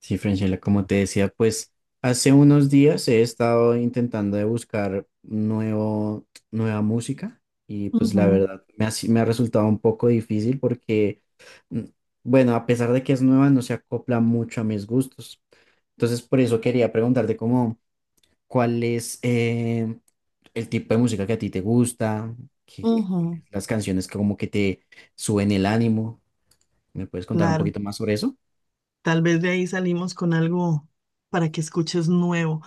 Sí, Francela, como te decía, pues hace unos días he estado intentando de buscar nueva música y pues la Ujú, verdad me ha, si- me ha resultado un poco difícil porque, mm, bueno, a pesar de que es nueva, no se acopla mucho a mis gustos. Entonces, por eso quería preguntarte como cuál es el tipo de música que a ti te gusta, cuáles ujú, las canciones que como que te suben el ánimo. ¿Me puedes contar un claro, poquito más sobre eso? tal vez de ahí salimos con algo para que escuches nuevo.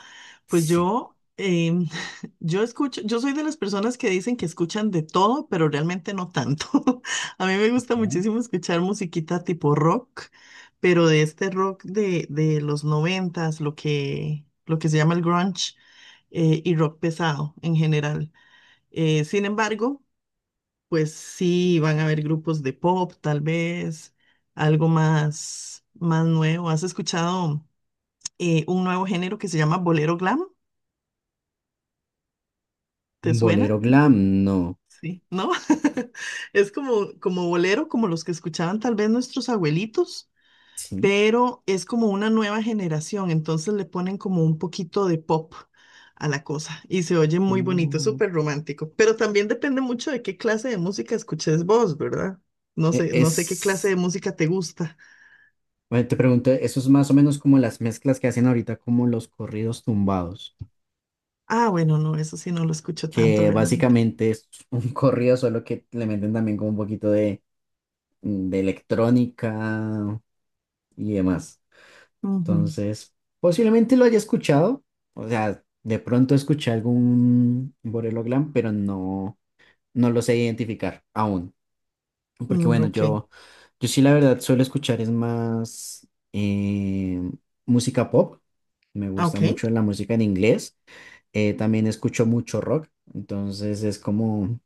Pues Sí. yo, yo escucho, yo soy de las personas que dicen que escuchan de todo, pero realmente no tanto. A mí me gusta Ok. muchísimo escuchar musiquita tipo rock, pero de este rock de los noventas, lo que se llama el grunge, y rock pesado en general. Sin embargo, pues sí, van a haber grupos de pop, tal vez, algo más, más nuevo. ¿Has escuchado un nuevo género que se llama bolero glam? ¿Te suena? Bolero glam, no. Sí, ¿no? Es como, como bolero, como los que escuchaban tal vez nuestros abuelitos, Sí. pero es como una nueva generación, entonces le ponen como un poquito de pop a la cosa y se oye muy bonito, es Mm, súper romántico, pero también depende mucho de qué clase de música escuches vos, ¿verdad? No sé, no sé qué clase Es, de música te gusta. bueno, te pregunto, eso es más o menos como las mezclas que hacen ahorita, como los corridos tumbados, Ah, bueno, no, eso sí no lo escucho tanto que realmente. básicamente es un corrido, solo que le meten también como un poquito de, electrónica y demás. Ujú. Entonces, posiblemente lo haya escuchado, o sea, de pronto escuché algún Borelo Glam, pero no, no lo sé identificar aún. Porque Mm, bueno, ok, yo sí la verdad suelo escuchar es más eh, música pop. Me ah, gusta ok. mucho la música en inglés. También escucho mucho rock. Entonces es como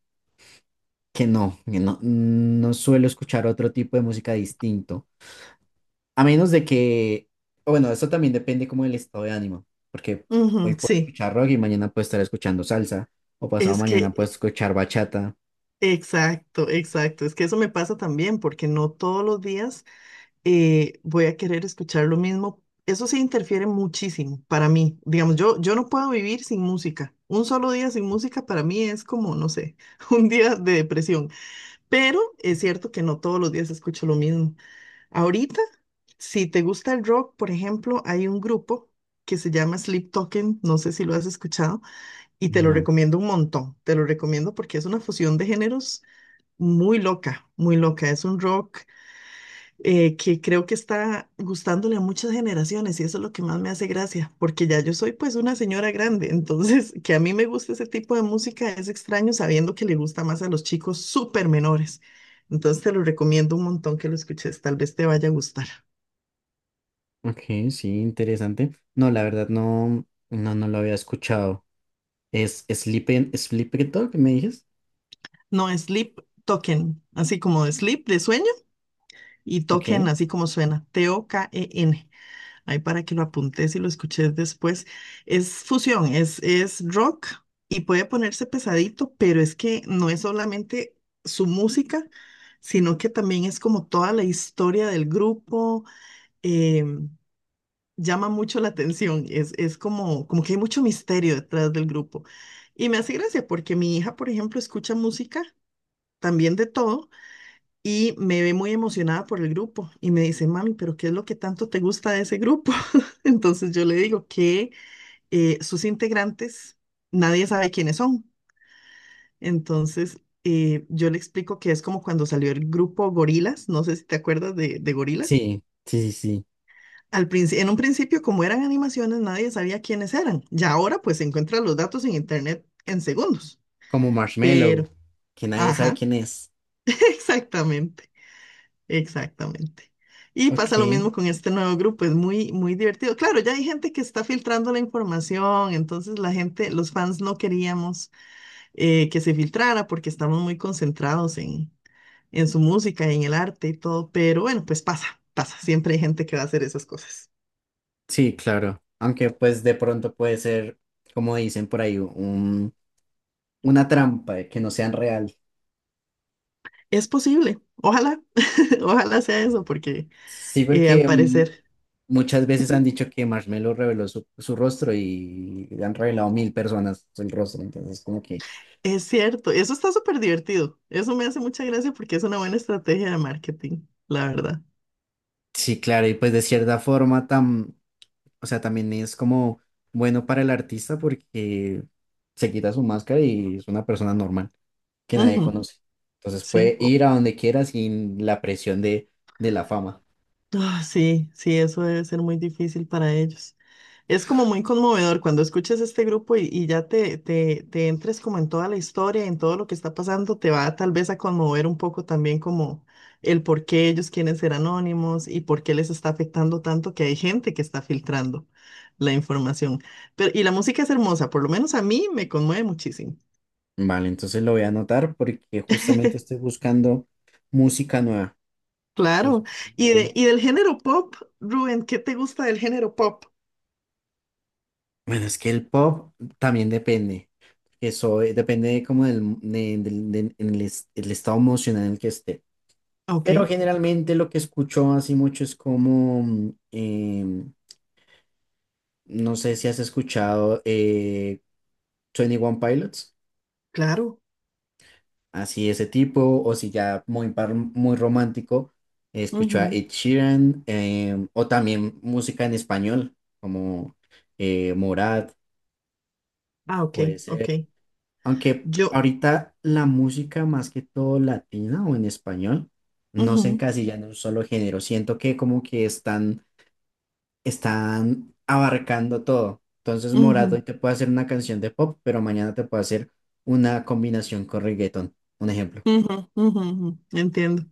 que no, no suelo escuchar otro tipo de música distinto. A menos de que, o bueno, eso también depende como del estado de ánimo. Porque Ujú, hoy puedo sí, escuchar rock y mañana puedo estar escuchando salsa. O pasado es mañana puedo que, escuchar bachata. exacto, exacto. Es que eso me pasa también porque no todos los días voy a querer escuchar lo mismo. Eso sí interfiere muchísimo para mí. Digamos, yo no puedo vivir sin música. Un solo día sin música para mí es como, no sé, un día de depresión. Pero es cierto que no todos los días escucho lo mismo. Ahorita, si te gusta el rock, por ejemplo, hay un grupo que se llama Sleep Token, no sé si lo has escuchado, y te lo No. recomiendo un montón. Te lo recomiendo porque es una fusión de géneros muy loca, muy loca. Es un rock que creo que está gustándole a muchas generaciones y eso es lo que más me hace gracia, porque ya yo soy pues una señora grande, entonces que a mí me guste ese tipo de música es extraño sabiendo que le gusta más a los chicos súper menores. Entonces te lo recomiendo un montón que lo escuches, tal vez te vaya a gustar. Ok, sí, interesante. No, la verdad no, no lo había escuchado. ¿Es Sleepy Dog, me dices? No, Sleep Token, así como de sleep de sueño y token Ok. así como suena, T-O-K-E-N. Ahí para que lo apuntes y lo escuches después. Es fusión, es rock y puede ponerse pesadito, pero es que no es solamente su música, sino que también es como toda la historia del grupo. eh, Llama mucho la atención, es como, como que hay mucho misterio detrás del grupo. Y me hace gracia porque mi hija, por ejemplo, escucha música también de todo y me ve muy emocionada por el grupo y me dice, mami, pero ¿qué es lo que tanto te gusta de ese grupo? Entonces yo le digo que sus integrantes, nadie sabe quiénes son. Entonces yo le explico que es como cuando salió el grupo Gorilas, no sé si te acuerdas de Gorilas. Sí, sí, sí, sí. En un principio, como eran animaciones, nadie sabía quiénes eran. Ya ahora pues se encuentran los datos en internet en segundos. Como Marshmallow, Pero, que nadie sabe ajá, quién es. exactamente. Exactamente. Y pasa lo Ok, mismo con este nuevo grupo, es muy, muy divertido. Claro, ya hay gente que está filtrando la información, entonces la gente, los fans no queríamos que se filtrara porque estamos muy concentrados en su música y en el arte y todo, pero bueno, pues pasa, pasa, siempre hay gente que va a hacer esas cosas. sí, claro. Aunque pues de pronto puede ser, como dicen por ahí, una trampa de que no sean real. Es posible, ojalá, ojalá sea eso, porque Sí, al porque parecer muchas veces han ujú, dicho que Marshmallow reveló su rostro y han revelado 1.000 personas el rostro, entonces como que... es cierto, eso está súper divertido, eso me hace mucha gracia porque es una buena estrategia de marketing, la verdad. Sí, claro, y pues de cierta forma, o sea, también es como bueno para el artista porque se quita su máscara y es una persona normal que nadie Ujú. conoce. Entonces Sí, puede ir a donde quiera sin la presión de la fama. ah, sí, sí, eso debe ser muy difícil para ellos. Es como muy conmovedor cuando escuchas este grupo y, y ya te, te entres como en toda la historia, en todo lo que está pasando, te va tal vez a conmover un poco también como el por qué ellos quieren ser anónimos y por qué les está afectando tanto que hay gente que está filtrando la información. Pero, y la música es hermosa, por lo menos a mí me conmueve muchísimo. Vale, entonces lo voy a anotar porque justamente estoy buscando música nueva. Pues, Claro. Y, eh, y del género pop, Rubén, ¿qué te gusta del género pop? bueno, es que el pop también depende. Eso depende como del, de- del- del- en el, el estado emocional en el que esté. Ok, Pero generalmente lo que escucho así mucho es como, no sé si has escuchado Twenty One Pilots, claro. así ese tipo, o si ya muy, muy romántico, escucho a Ujú. Ed Sheeran, o también música en español, como Morat, Ah, ok, puede ok. ser. Aunque Yo, ahorita la música más que todo latina o en español, no se ujú, encasilla en un solo género, siento que como que están abarcando todo. Entonces, Morat ujú, hoy te puede hacer una canción de pop, pero mañana te puede hacer una combinación con reggaeton, un ejemplo. ujú, ujú, ujú. Entiendo.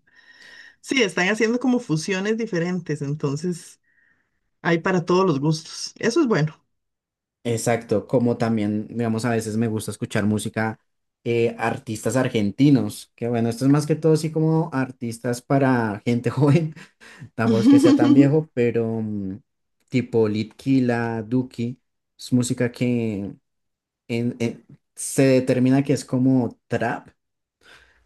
Sí, están haciendo como fusiones diferentes, entonces hay para todos los gustos. Eso es bueno. Exacto, como también, digamos, a veces me gusta escuchar música, artistas argentinos, que bueno, esto es más que todo así como artistas para gente joven, tampoco es que sea tan viejo, pero tipo Litkila, Duki, es música que en- en- se determina que es como trap,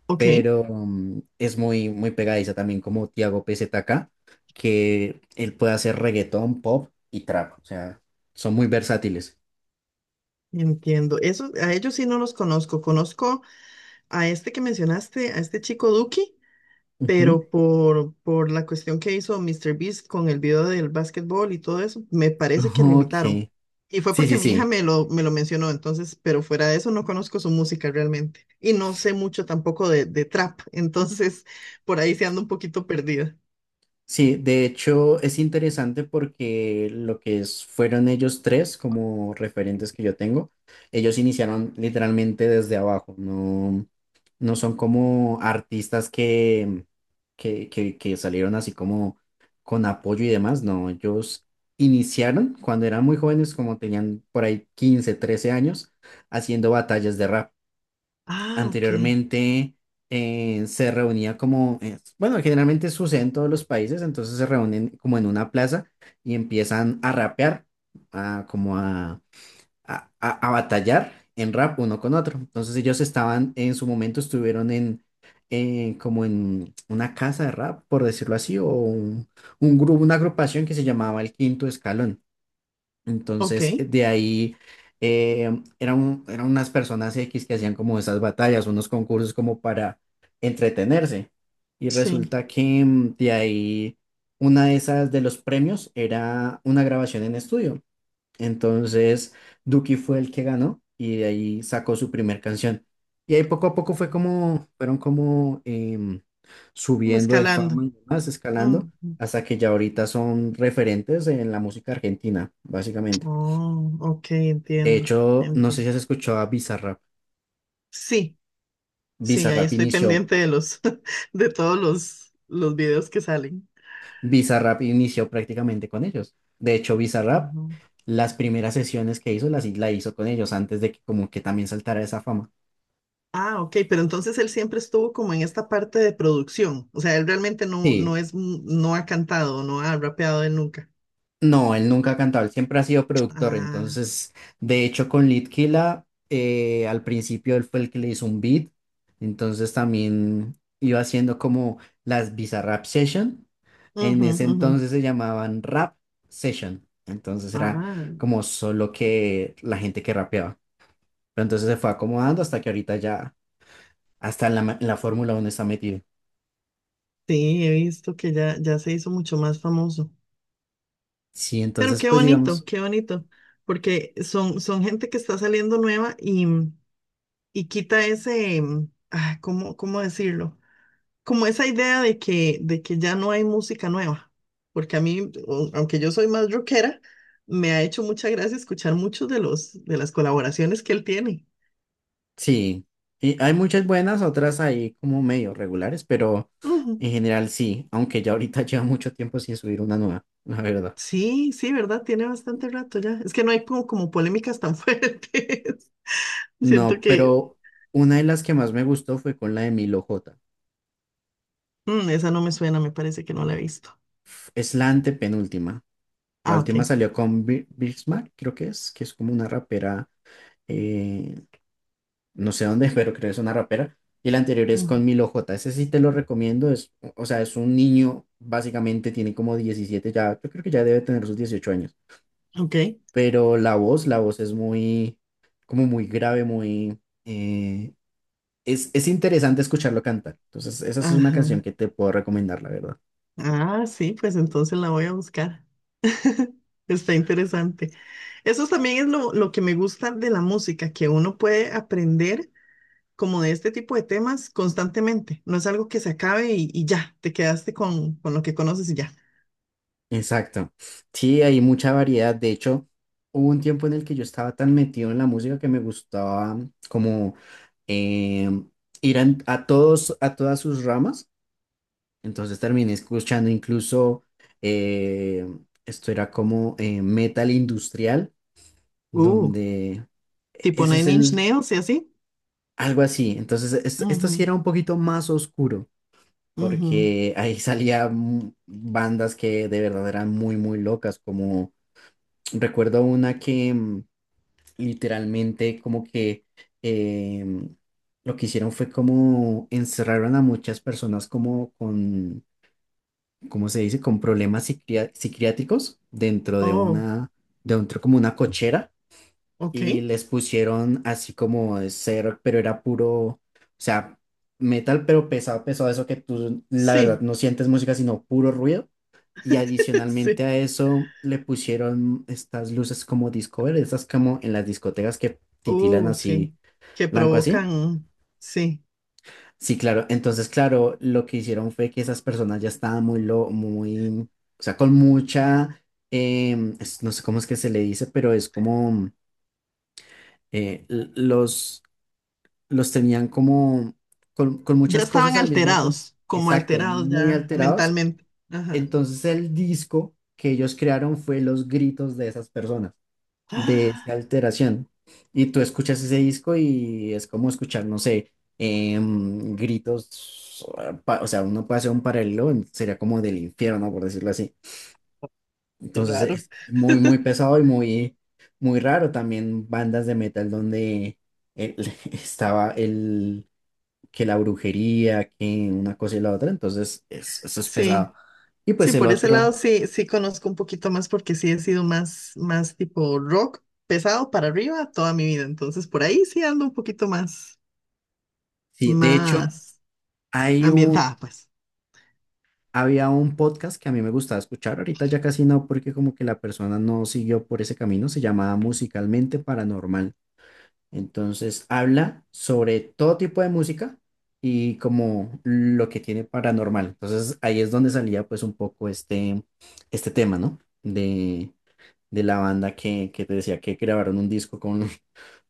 Ok, pero es muy, muy pegadiza también como Tiago PZK, que él puede hacer reggaetón, pop y trap, o sea, son muy versátiles. entiendo. Eso, a ellos sí no los conozco. Conozco a este que mencionaste, a este chico Duki, Ujú. pero por la cuestión que hizo Mr. Beast con el video del básquetbol y todo eso, me parece que lo Ok, invitaron. sí, Y fue sí, porque mi hija sí. Me lo mencionó, entonces, pero fuera de eso no conozco su música realmente. Y no sé mucho tampoco de trap, entonces por ahí se anda un poquito perdida. Sí, de hecho es interesante porque lo que fueron ellos tres como referentes que yo tengo, ellos iniciaron literalmente desde abajo, no, no son como artistas que salieron así como con apoyo y demás, no, ellos iniciaron cuando eran muy jóvenes, como tenían por ahí 15 13 años, haciendo batallas de rap Ah, ok, anteriormente se reunía como, bueno, generalmente sucede en todos los países, entonces se reúnen como en una plaza y empiezan a rapear, a, como a batallar en rap uno con otro. Entonces ellos estaban, en su momento estuvieron en, como en una casa de rap, por decirlo así, o un grupo, una agrupación que se llamaba El Quinto Escalón. ok, Entonces, de ahí eh, eran unas personas X que hacían como esas batallas, unos concursos como para entretenerse. Y sí, resulta que de ahí una de esas de los premios era una grabación en estudio. Entonces, Duki fue el que ganó y de ahí sacó su primer canción. Y ahí poco a poco fue como, fueron como como subiendo de fama escalando. y demás, Mm, escalando, hasta que ya ahorita son referentes en la música argentina, básicamente. oh, ok, De entiendo, hecho, no sé si entiendo. has escuchado a Bizarrap. Sí, sí, ahí Bizarrap estoy inició, pendiente de los, de todos los videos que salen. Bizarrap inició prácticamente con ellos. De hecho, Bizarrap, las primeras sesiones que hizo, las la hizo con ellos antes de que como que también saltara esa fama. Ah, ok, pero entonces él siempre estuvo como en esta parte de producción. O sea, él realmente no, no Sí, es, no ha cantado, no ha rapeado él nunca. no, él nunca ha cantado, él siempre ha sido productor. Ah, Entonces, de hecho, con Litkila, al principio él fue el que le hizo un beat. Entonces, también iba haciendo como las Bizarrap Session. En ujú, ese ujú. entonces se llamaban Rap Session. Entonces, era Ah, como solo que la gente que rapeaba. Pero entonces se fue acomodando hasta que ahorita ya, hasta en la Fórmula 1 está metido. sí, he visto que ya, ya se hizo mucho más famoso. Sí, Pero entonces, pues digamos. qué bonito, porque son, son gente que está saliendo nueva y quita ese, ah, ¿cómo, cómo decirlo? Como esa idea de que ya no hay música nueva, porque a mí, aunque yo soy más rockera, me ha hecho mucha gracia escuchar muchos de los, de las colaboraciones que él tiene. Sí, y hay muchas buenas, otras ahí como medio regulares, pero Ujú. en general sí, aunque ya ahorita lleva mucho tiempo sin subir una nueva, la verdad. Sí, sí, ¿verdad? Tiene bastante rato ya. Es que no hay como, como polémicas tan fuertes. Siento No, que pero una de las que más me gustó fue con la de Milo J. mm, esa no me suena, me parece que no la he visto. Es la antepenúltima. La Ah, ok. última salió con Bismarck, creo que es como una rapera, eh, no sé dónde, pero creo que es una rapera. Y la anterior es Mm. con Milo J. Ese sí te lo recomiendo, es, o sea, es un niño, básicamente tiene como 17 ya, yo creo que ya debe tener sus 18 años. Ok. Pero la voz es muy, como muy grave, eh, es interesante escucharlo cantar. Entonces, esa es una canción Ajá. que te puedo recomendar, la verdad. Ah, sí, pues entonces la voy a buscar. Está interesante. Eso también es lo que me gusta de la música, que uno puede aprender como de este tipo de temas constantemente. No es algo que se acabe y ya, te quedaste con lo que conoces y ya. Exacto. Sí, hay mucha variedad. De hecho, hubo un tiempo en el que yo estaba tan metido en la música que me gustaba como eh, ir a todas sus ramas. Entonces terminé escuchando incluso, eh, esto era como metal industrial, Uh, donde e, tipo ese es Nine Inch el, Nails y así. algo así. Entonces, esto Ujú, sí era un poquito más oscuro, ujú. porque ahí salían bandas que de verdad eran muy, muy locas, como recuerdo una que literalmente como que em, lo que hicieron fue como encerraron a muchas personas como con, ¿cómo se dice?, con problemas psiquiátricos Oh, dentro como una cochera ok. y les pusieron así como de ser, pero era puro, o sea, metal, pero pesado, pesado, eso que tú, la verdad, Sí, no sientes música, sino puro ruido. Y adicionalmente sí. a eso le pusieron estas luces como Discover, estas como en las discotecas que titilan Sí, así, que blanco así. provocan, sí, Sí, claro. Entonces, claro, lo que hicieron fue que esas personas ya estaban o sea, con mucha, no sé cómo es que se le dice, pero es como eh, l- los, los tenían como con ya muchas estaban cosas al mismo tiempo. alterados, como Exacto, alterados muy ya alterados. mentalmente. Ajá. Entonces el disco que ellos crearon fue los gritos de esas personas, de esa Ah, alteración. Y tú escuchas ese disco y es como escuchar, no sé, gritos, o sea, uno puede hacer un paralelo, sería como del infierno, por decirlo así. qué Entonces raro. es muy, muy pesado y muy, muy raro. También bandas de metal donde el- estaba el que la brujería, que una cosa y la otra, entonces eso es Sí, pesado. Y sí, pues el por ese lado otro, sí, sí conozco un poquito más porque sí he sido más, más tipo rock pesado para arriba toda mi vida. Entonces por ahí sí ando un poquito más, sí, de hecho, más hay un, ambientada, pues. había un podcast que a mí me gustaba escuchar, ahorita ya casi no, porque como que la persona no siguió por ese camino, se llamaba Musicalmente Paranormal. Entonces habla sobre todo tipo de música y como lo que tiene paranormal. Entonces ahí es donde salía pues un poco este, tema, ¿no? De, de la banda que te decía que grabaron un disco con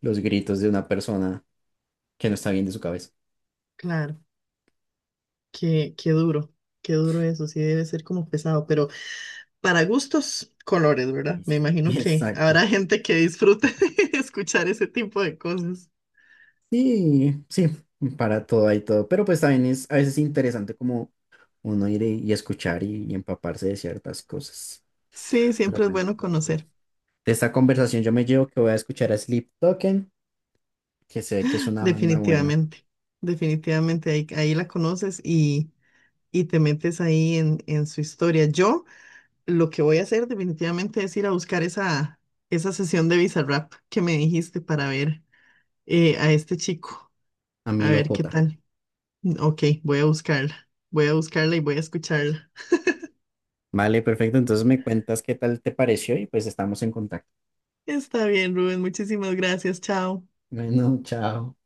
los gritos de una persona que no está bien de su cabeza. Claro, qué, qué duro eso, sí debe ser como pesado, pero para gustos, colores, ¿verdad? Flores. Me imagino que Exacto. habrá gente que disfrute de escuchar ese tipo de cosas. Sí, sí, para todo hay todo. Pero pues también es a veces interesante como uno ir y escuchar y empaparse de ciertas cosas. Sí, Pero siempre es bueno, bueno bueno, entonces, conocer, de esta conversación yo me llevo que voy a escuchar a Sleep Token, que sé que es una banda buena, definitivamente. Definitivamente ahí, ahí la conoces y te metes ahí en su historia. Yo lo que voy a hacer definitivamente es ir a buscar esa, esa sesión de Bizarrap que me dijiste para ver a este chico, a a Milo ver qué J. tal. Ok, voy a buscarla y voy a escucharla. Vale, perfecto. Entonces me cuentas qué tal te pareció y pues estamos en contacto. Está bien, Rubén, muchísimas gracias, chao. Bueno, chao.